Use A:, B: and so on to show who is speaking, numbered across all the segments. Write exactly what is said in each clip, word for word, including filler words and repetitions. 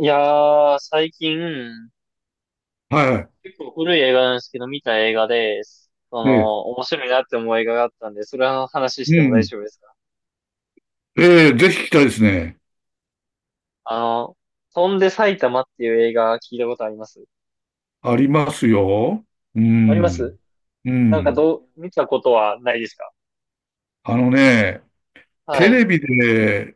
A: いやー、最近、
B: は
A: 結構古い映画なんですけど、見た映画で、そ
B: い。え
A: の、
B: え。
A: 面白いなって思う映画があったんで、それの話し
B: う
A: ても大
B: ん。
A: 丈夫ですか？
B: ええ、ぜひ聞きたいですね。
A: あの、飛んで埼玉っていう映画聞いたことあります？
B: ありますよ。う
A: あります？
B: ん。う
A: なんか
B: ん。
A: どう、見たことはないですか？
B: あのね、
A: は
B: テレ
A: い。
B: ビで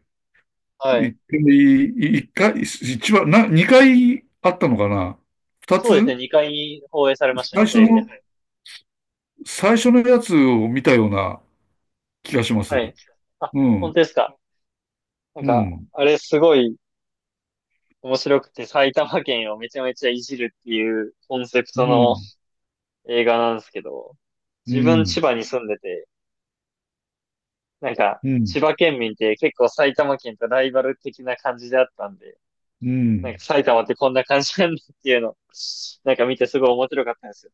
A: はい。
B: 一回、一回、一番、な、にかいあったのかな。二
A: そうですね、
B: つ
A: にかい放映されました
B: 最
A: ね、テ
B: 初
A: レビで。
B: の、最初のやつを見たような気がします。
A: はい。あ、
B: う
A: 本当
B: ん。
A: ですか？なん
B: う
A: か、
B: ん。
A: あれすごい面白くて、埼玉県をめちゃめちゃいじるっていうコンセプ
B: う
A: トの
B: ん。
A: 映画なんですけど、
B: う
A: 自分千
B: ん。
A: 葉に住んでて、なんか、
B: うん。うん。
A: 千葉県民って結構埼玉県とライバル的な感じであったんで、
B: う
A: なんか
B: ん。
A: 埼玉ってこんな感じなんだっていうの、なんか見てすごい面白かったんですよ。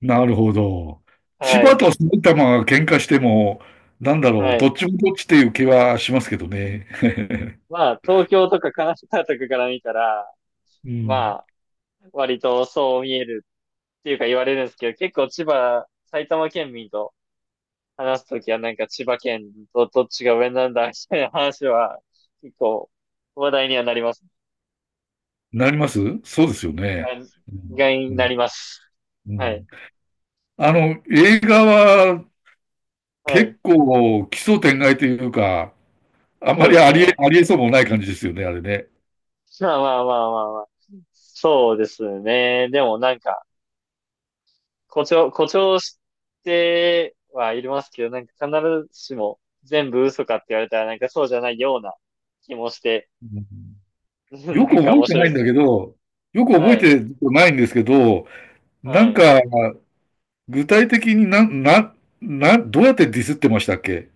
B: なるほど。千
A: は
B: 葉
A: い。
B: と埼玉が喧嘩しても、なんだろう、
A: は
B: ど
A: い。
B: っちもどっちっていう気はしますけどね。
A: まあ、東京とか神奈川とかから見たら、
B: う
A: ま
B: ん。
A: あ、割とそう見えるっていうか言われるんですけど、結構千葉、埼玉県民と話すときはなんか千葉県とどっちが上なんだみたいな話は結構話題にはなりますね。
B: なります。そうですよ
A: は
B: ね。
A: い。
B: うん。
A: がに
B: う
A: な
B: ん。
A: ります。
B: う
A: はい。
B: ん。あの、映画は
A: はい。
B: 結構奇想天外というか、あん
A: そう
B: ま
A: で
B: り
A: す
B: ありえ、
A: ね。
B: ありえそうもない感じですよね、あれね。
A: まあまあまあまあまあ。そうですね。でもなんか、誇張、誇張してはいますけど、なんか必ずしも全部嘘かって言われたらなんかそうじゃないような気もして、
B: うん。 よ
A: な
B: く
A: んか
B: 覚え
A: 面
B: て
A: 白
B: な
A: い
B: い
A: で
B: ん
A: す
B: だ
A: ね。
B: けど、よく覚
A: は
B: え
A: い。
B: てないんですけど、な
A: は
B: ん
A: い。
B: か、具体的にな、な、な、どうやってディスってましたっけ。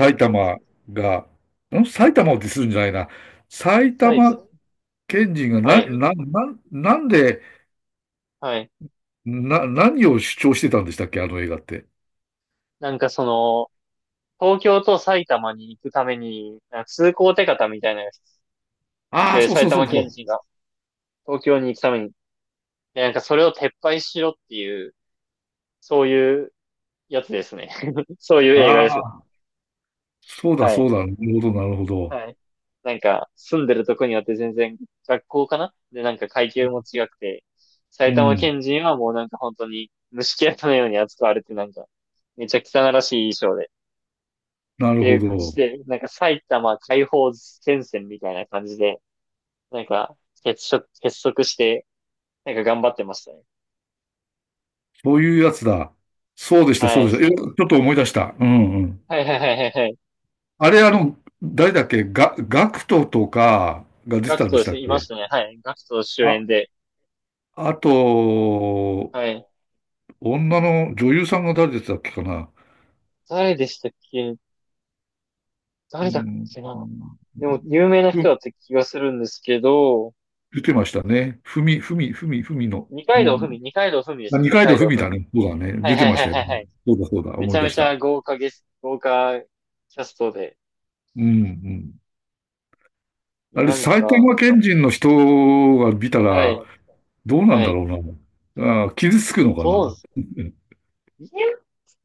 A: なんか、
B: 玉が、ん埼玉をディスるんじゃないな。埼
A: 埼玉
B: 玉県人が
A: は
B: な、
A: い。
B: な、な、なんで、
A: はい。
B: な、何を主張してたんでしたっけ、あの映画って。
A: なんかその、東京と埼玉に行くために、なんか通行手形みたいなやつ
B: ああ、
A: で、
B: そう
A: 埼
B: そうそう
A: 玉県
B: そ
A: 人が東京に行くためにで、なんかそれを撤廃しろっていう、そういうやつですね。そういう
B: う。
A: 映画です。
B: ああ、そうだ
A: は
B: そ
A: い。
B: うだ。なるほど、なるほど。
A: はい。なんか、住んでるとこによって全然学校かなで、なんか階級も違くて、
B: う
A: 埼玉
B: ん、
A: 県人はもうなんか本当に虫けらのように扱われてなんか、めちゃ汚らしい衣装で、
B: な
A: っ
B: る
A: てい
B: ほ
A: う感じ
B: ど。
A: で、なんか埼玉解放戦線みたいな感じで、なんか結束、結束して、なんか頑張ってましたね。
B: そういうやつだ。そうでした、そ
A: は
B: う
A: い。
B: でした。えちょっと思い出した。うんうん。
A: はいはいはいはいはい。
B: あれ、あの、誰だっけ、が、ガクトとかが出て
A: ガ
B: た
A: ク
B: ん
A: ト
B: で
A: で
B: した
A: すね。
B: っ
A: いま
B: け。
A: したね。はい。ガクト主
B: あ、
A: 演で、
B: あと、
A: はい。
B: 女の女優さんが誰でしたっけかな。
A: 誰でしたっけ？
B: う
A: 誰だっ
B: ん、
A: けな？でも、有名な
B: ふ
A: 人だった気がするんですけど、
B: 出てましたね。ふみ、ふみ、ふみ、ふみの。
A: 二
B: う
A: 階堂
B: ん。
A: ふみ、二階堂ふみで
B: ま
A: す
B: あ
A: ね、
B: 二
A: 二
B: 階堂
A: 階
B: ふ
A: 堂
B: み
A: ふ
B: だ
A: み。
B: ね。そうだね。
A: はい
B: 出
A: は
B: て
A: い
B: まし
A: はい
B: たよ。
A: はいはい。
B: そうだ、そうだ。
A: め
B: 思
A: ち
B: い
A: ゃ
B: 出
A: め
B: し
A: ち
B: た。
A: ゃ豪華ゲス、豪華キャストで。
B: うん、うん。
A: い
B: あ
A: や、
B: れ、
A: なん
B: 埼玉
A: か、
B: 県人の人が見た
A: はい、
B: ら、どうなん
A: は
B: だ
A: い。
B: ろうな。ああ、傷つく
A: え、
B: のかな。
A: どうす、いや、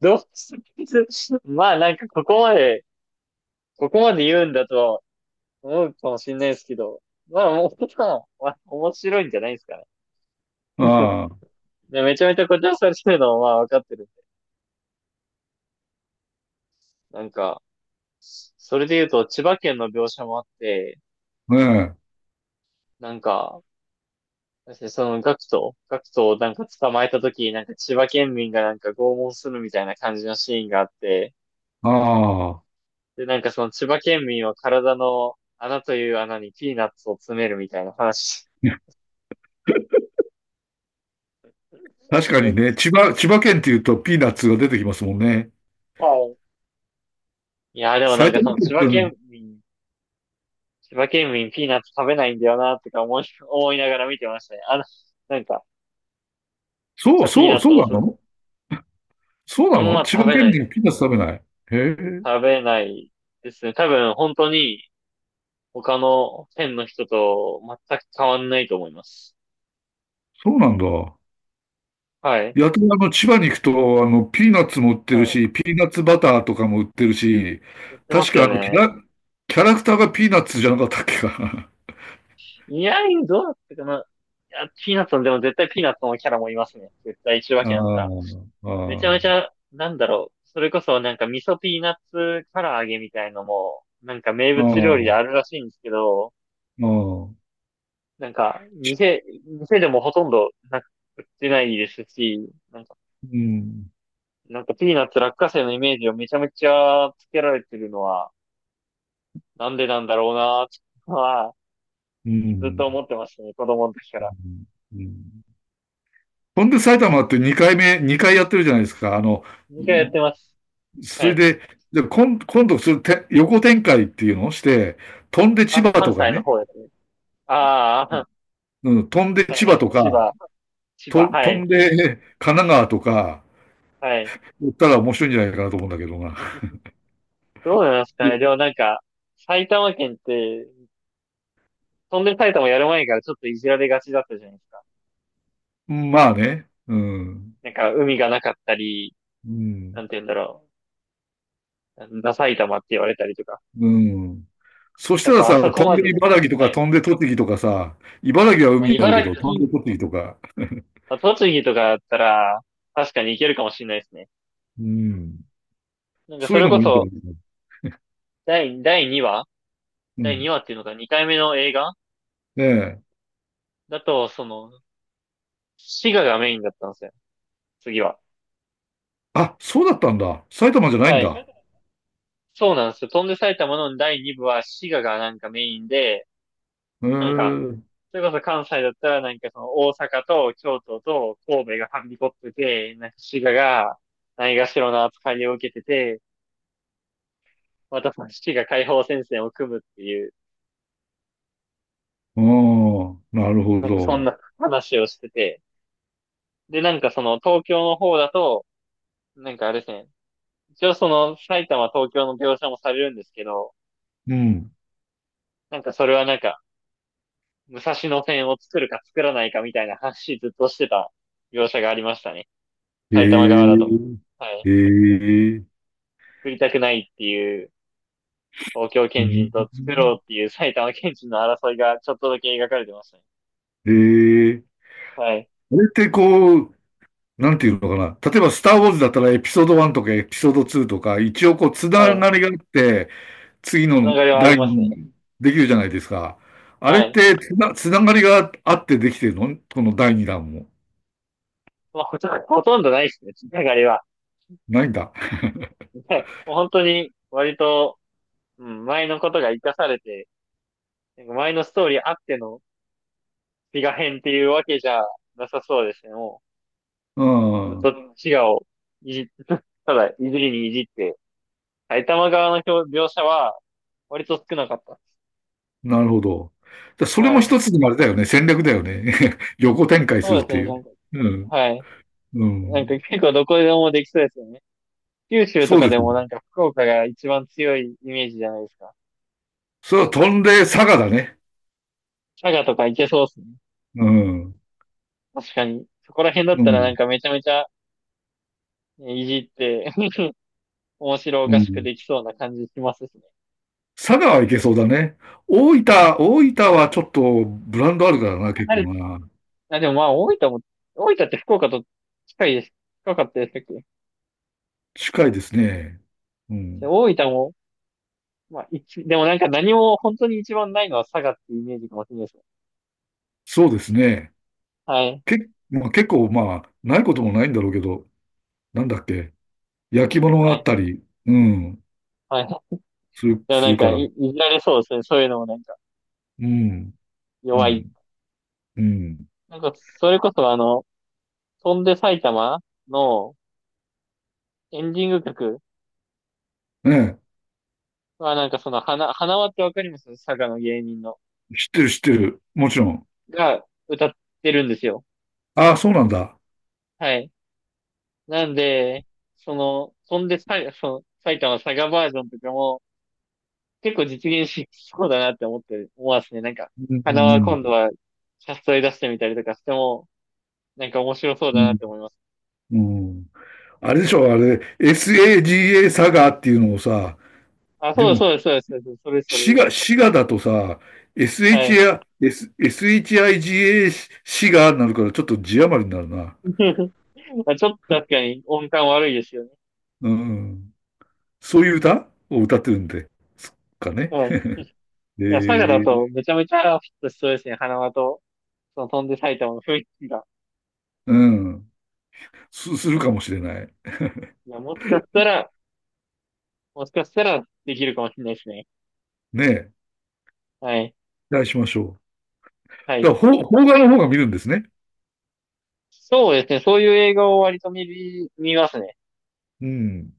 A: どうす、まあなんかここまで、ここまで言うんだとは思うかもしれないですけど、まあもう、まあ面白いんじゃないですかね。
B: あ
A: で、めちゃめちゃ誇張されてるのはまあわかってるんで。なんか、それで言うと、千葉県の描写もあって、
B: あ、ねえ。
A: なんか、その学徒、学徒をなんか捕まえた時きなんか千葉県民がなんか拷問するみたいな感じのシーンがあって、
B: ああ。
A: で、なんかその千葉県民は体の穴という穴にピーナッツを詰めるみたいな話。
B: 確か
A: なん
B: に
A: か、
B: ね、千葉、千葉県って言うとピーナッツが出てきますもんね。
A: はい。いや、でもな
B: 埼
A: んかそ
B: 玉
A: の
B: 県
A: 千
B: っ
A: 葉県
B: て、
A: 民、千葉県民ピーナッツ食べないんだよな、とか思い、思いながら見てましたね。あの、なんか、めっ
B: そ
A: ち
B: う、
A: ゃピー
B: そ
A: ナ
B: う、
A: ッツ
B: そう
A: を
B: な
A: 押すんで。
B: の。そう
A: あ
B: な
A: ん
B: の、
A: ま
B: 千葉
A: 食べな
B: 県
A: い、
B: 民はピーナッツ食べない。へえ、
A: 食べないですね。多分本当に、他の県の人と全く変わんないと思います。
B: そうなんだ。
A: はい。
B: やたらあの千葉に行くと、あの、ピーナッツも売ってる
A: はい。
B: し、ピーナッツバターとかも売ってるし、
A: やってま
B: 確
A: す
B: か
A: よ
B: あの、キャ
A: ね。
B: ラ、キャラクターがピーナッツじゃなかったっけかな。
A: いや、どうだったかな。いや、ピーナッツの、でも絶対ピーナッツのキャラもいますね。絶対一 わ
B: あ
A: けあんた。めちゃめ
B: あ、
A: ち
B: あ
A: ゃ、なんだろう。それこそなんか味噌ピーナッツ唐揚げみたいのも、なんか名
B: あ、あ
A: 物
B: あ、
A: 料理で
B: あ
A: あるらしいんですけど、なんか、
B: ち
A: 店、店でもほとんどなく売ってないですし、なんか、
B: うん、
A: なんかピーナッツ落花生のイメージをめちゃめちゃつけられてるのは、なんでなんだろうなーは、
B: う
A: ずっ
B: ん、
A: と思ってましたね、子供の時か
B: う
A: ら。
B: ん。うん。ほんで埼玉ってにかいめ、にかいやってるじゃないですか。あの、
A: にかいやってます。は
B: それ
A: い。
B: で、で今、今度それて、横展開っていうのをして、飛んで千
A: あ、
B: 葉
A: 関
B: とか
A: 西の
B: ね、
A: 方ですね。ああ、
B: うん、飛ん で
A: はい
B: 千
A: は
B: 葉
A: い。
B: と
A: 千
B: か、
A: 葉、千
B: と
A: 葉、は
B: 飛
A: い、
B: んで神奈川とか、
A: はい。
B: 言ったら面白いんじゃないかなと思うんだけどな。
A: どうなんですかね。でも なんか、埼玉県って、飛んで埼玉やる前からちょっといじられがちだったじゃないですか。
B: まあね。うん。
A: なんか、海がなかったり、
B: うん。
A: なんて言うんだろう。なんだ埼玉って言われたりとか。
B: うん。そし
A: や
B: た
A: っ
B: ら
A: ぱあそ
B: さ、
A: こ
B: 飛ん
A: まで
B: で
A: の、
B: 茨城と
A: は
B: か
A: い。
B: 飛んで栃木とかさ、茨城は
A: まあ、
B: 海になるけ
A: 茨
B: ど、飛んで
A: 城、
B: 栃木とか、
A: まあ栃木とかだったら、確かに行けるかもしれないですね。
B: うん。
A: なんか
B: そう
A: そ
B: いう
A: れ
B: の
A: こ
B: もいいんじゃな
A: そ、
B: いかな。
A: 第、第2話
B: う
A: 第2
B: ん。
A: 話っていうのがにかいめの映画
B: ねえ。
A: だと、その、滋賀がメインだったんですよ。次は。
B: あ、そうだったんだ。埼玉じゃないん
A: はい。
B: だ。
A: そうなんですよ。飛んで埼玉のだいに部は滋賀がなんかメインで、
B: へ
A: なんか、
B: え。
A: それこそ関西だったらなんかその大阪と京都と神戸がはびこってて、なんか滋賀がないがしろな扱いを受けてて、またその滋賀解放戦線を組むっていう、
B: ああ、なるほ
A: なんかそん
B: ど。
A: な話をしてて。で、なんかその東京の方だと、なんかあれですね、一応その埼玉、東京の描写もされるんですけど、
B: うん。
A: なんかそれはなんか、武蔵野線を作るか作らないかみたいな話ずっとしてた描写がありましたね。
B: へ
A: 埼玉側だと。
B: え。
A: はい。
B: へえ。
A: 作りたくないっていう東京
B: う
A: 県人
B: ん。
A: と作ろうっていう埼玉県人の争いがちょっとだけ描かれてましたね。
B: ええ
A: はい。
B: あれってこう、なんていうのかな。例えば、スター・ウォーズだったらエピソードワンとかエピソードツーとか、一応こう、つな
A: はい。
B: がりがあって、次
A: 流
B: の
A: れはあり
B: 第
A: ますね。
B: 二できるじゃないですか。あれ
A: は
B: っ
A: い。
B: てつな、つながりがあってできてるのこのだいにだんも。
A: まあ、ほとほとんどないですね、流れは。
B: ないんだ。
A: はい。もう本当に割と、うん、前のことが活かされて、なんか前のストーリーあってのピガ編っていうわけじゃなさそうですね。も
B: う
A: う、ずっと
B: ん。
A: 滋賀をいじ、ただいじりにいじって、埼玉側の表描写は割と少なかっ
B: なるほど。だそ
A: た。
B: れ
A: は
B: も
A: い。
B: 一つのあれだよね。戦略だよね。横展開す
A: そ
B: る
A: う
B: っ
A: です
B: て
A: ね。
B: い
A: なん
B: う。
A: か、
B: うん。
A: はい。
B: う
A: なんか
B: ん。
A: 結構どこでもできそうですよね。九州
B: そ
A: とか
B: うで
A: で
B: すよ。
A: もなんか福岡が一番強いイメージじゃないですか。
B: それは飛んで佐賀だね。
A: 佐賀とかいけそうですね。
B: うん。
A: 確かに。そこら辺だっ
B: う
A: たらな
B: ん。
A: んかめちゃめちゃねいじって 面白お
B: う
A: かしく
B: ん。
A: できそうな感じしますしね。
B: 佐賀はいけそうだね。大分、大分はちょっとブランドあ
A: も
B: る
A: う
B: か
A: ちょ
B: ら
A: っと
B: な、結
A: 離れ
B: 構な。
A: あ、でもまあ、大分も、大分って福岡と近いです。近かったでしたっけ？
B: 近いですね。う
A: で
B: ん。
A: 大分も、まあ、一、でもなんか何も本当に一番ないのは佐賀っていうイメージかもしれないですね。
B: そうですね。
A: はい。
B: け、まあ、結構、まあ、ないこともないんだろうけど、なんだっけ。焼き物があ
A: は
B: っ
A: い。
B: たり、うん、
A: はい。
B: する、
A: でも
B: す
A: な
B: る
A: ん
B: か
A: か
B: ら。
A: い、いじられそうですね。そういうのもなんか、
B: うん、う
A: 弱い。
B: ん、うん。
A: なんか、それこそあの、飛んで埼玉のエンディング曲
B: ね
A: はなんかその、花、花輪ってわかります？佐賀の芸人の。
B: え、知ってる、知ってる。もちろん。
A: が歌ってるんですよ。
B: ああ、そうなんだ。
A: はい。なんで、その、飛んでさい、その、埼玉佐賀バージョンとかも、結構実現しそうだなって思って思わすね。なんか、
B: うん、
A: 花
B: う
A: は
B: ん、
A: 今度はキャストで出してみたりとかしても、なんか面白そう
B: う
A: だなっ
B: ん。
A: て思います。
B: うん。あれでしょ、あれ、エスエージーエー サガっていうのをさ、
A: あ、そ
B: で
A: うです
B: も
A: そうです、そうです、そうです。それです、それ
B: 滋
A: で
B: 賀、
A: す。
B: 滋賀だとさ、
A: はい。
B: エスエイチアイ、エスエイチアイジーエー 滋賀になるからちょっと字余りになるな。
A: まあ、ちょっと確かに音感悪いですよね。
B: うん。そういう歌を歌ってるんで、すっかね。
A: うん。い
B: え
A: や、佐賀だ
B: ー、
A: とめちゃめちゃフィットしそうですね。花輪と、その飛んで埼玉の雰囲気が。
B: うん。す、するかもしれない。
A: いや、もしかしたら、もしかしたらできるかもしれないですね。
B: ねえ。
A: はい。
B: 期待しましょう。
A: はい。
B: だから、邦画の方が見るんですね。
A: そうですね。そういう映画を割と見る、見ますね。
B: うん。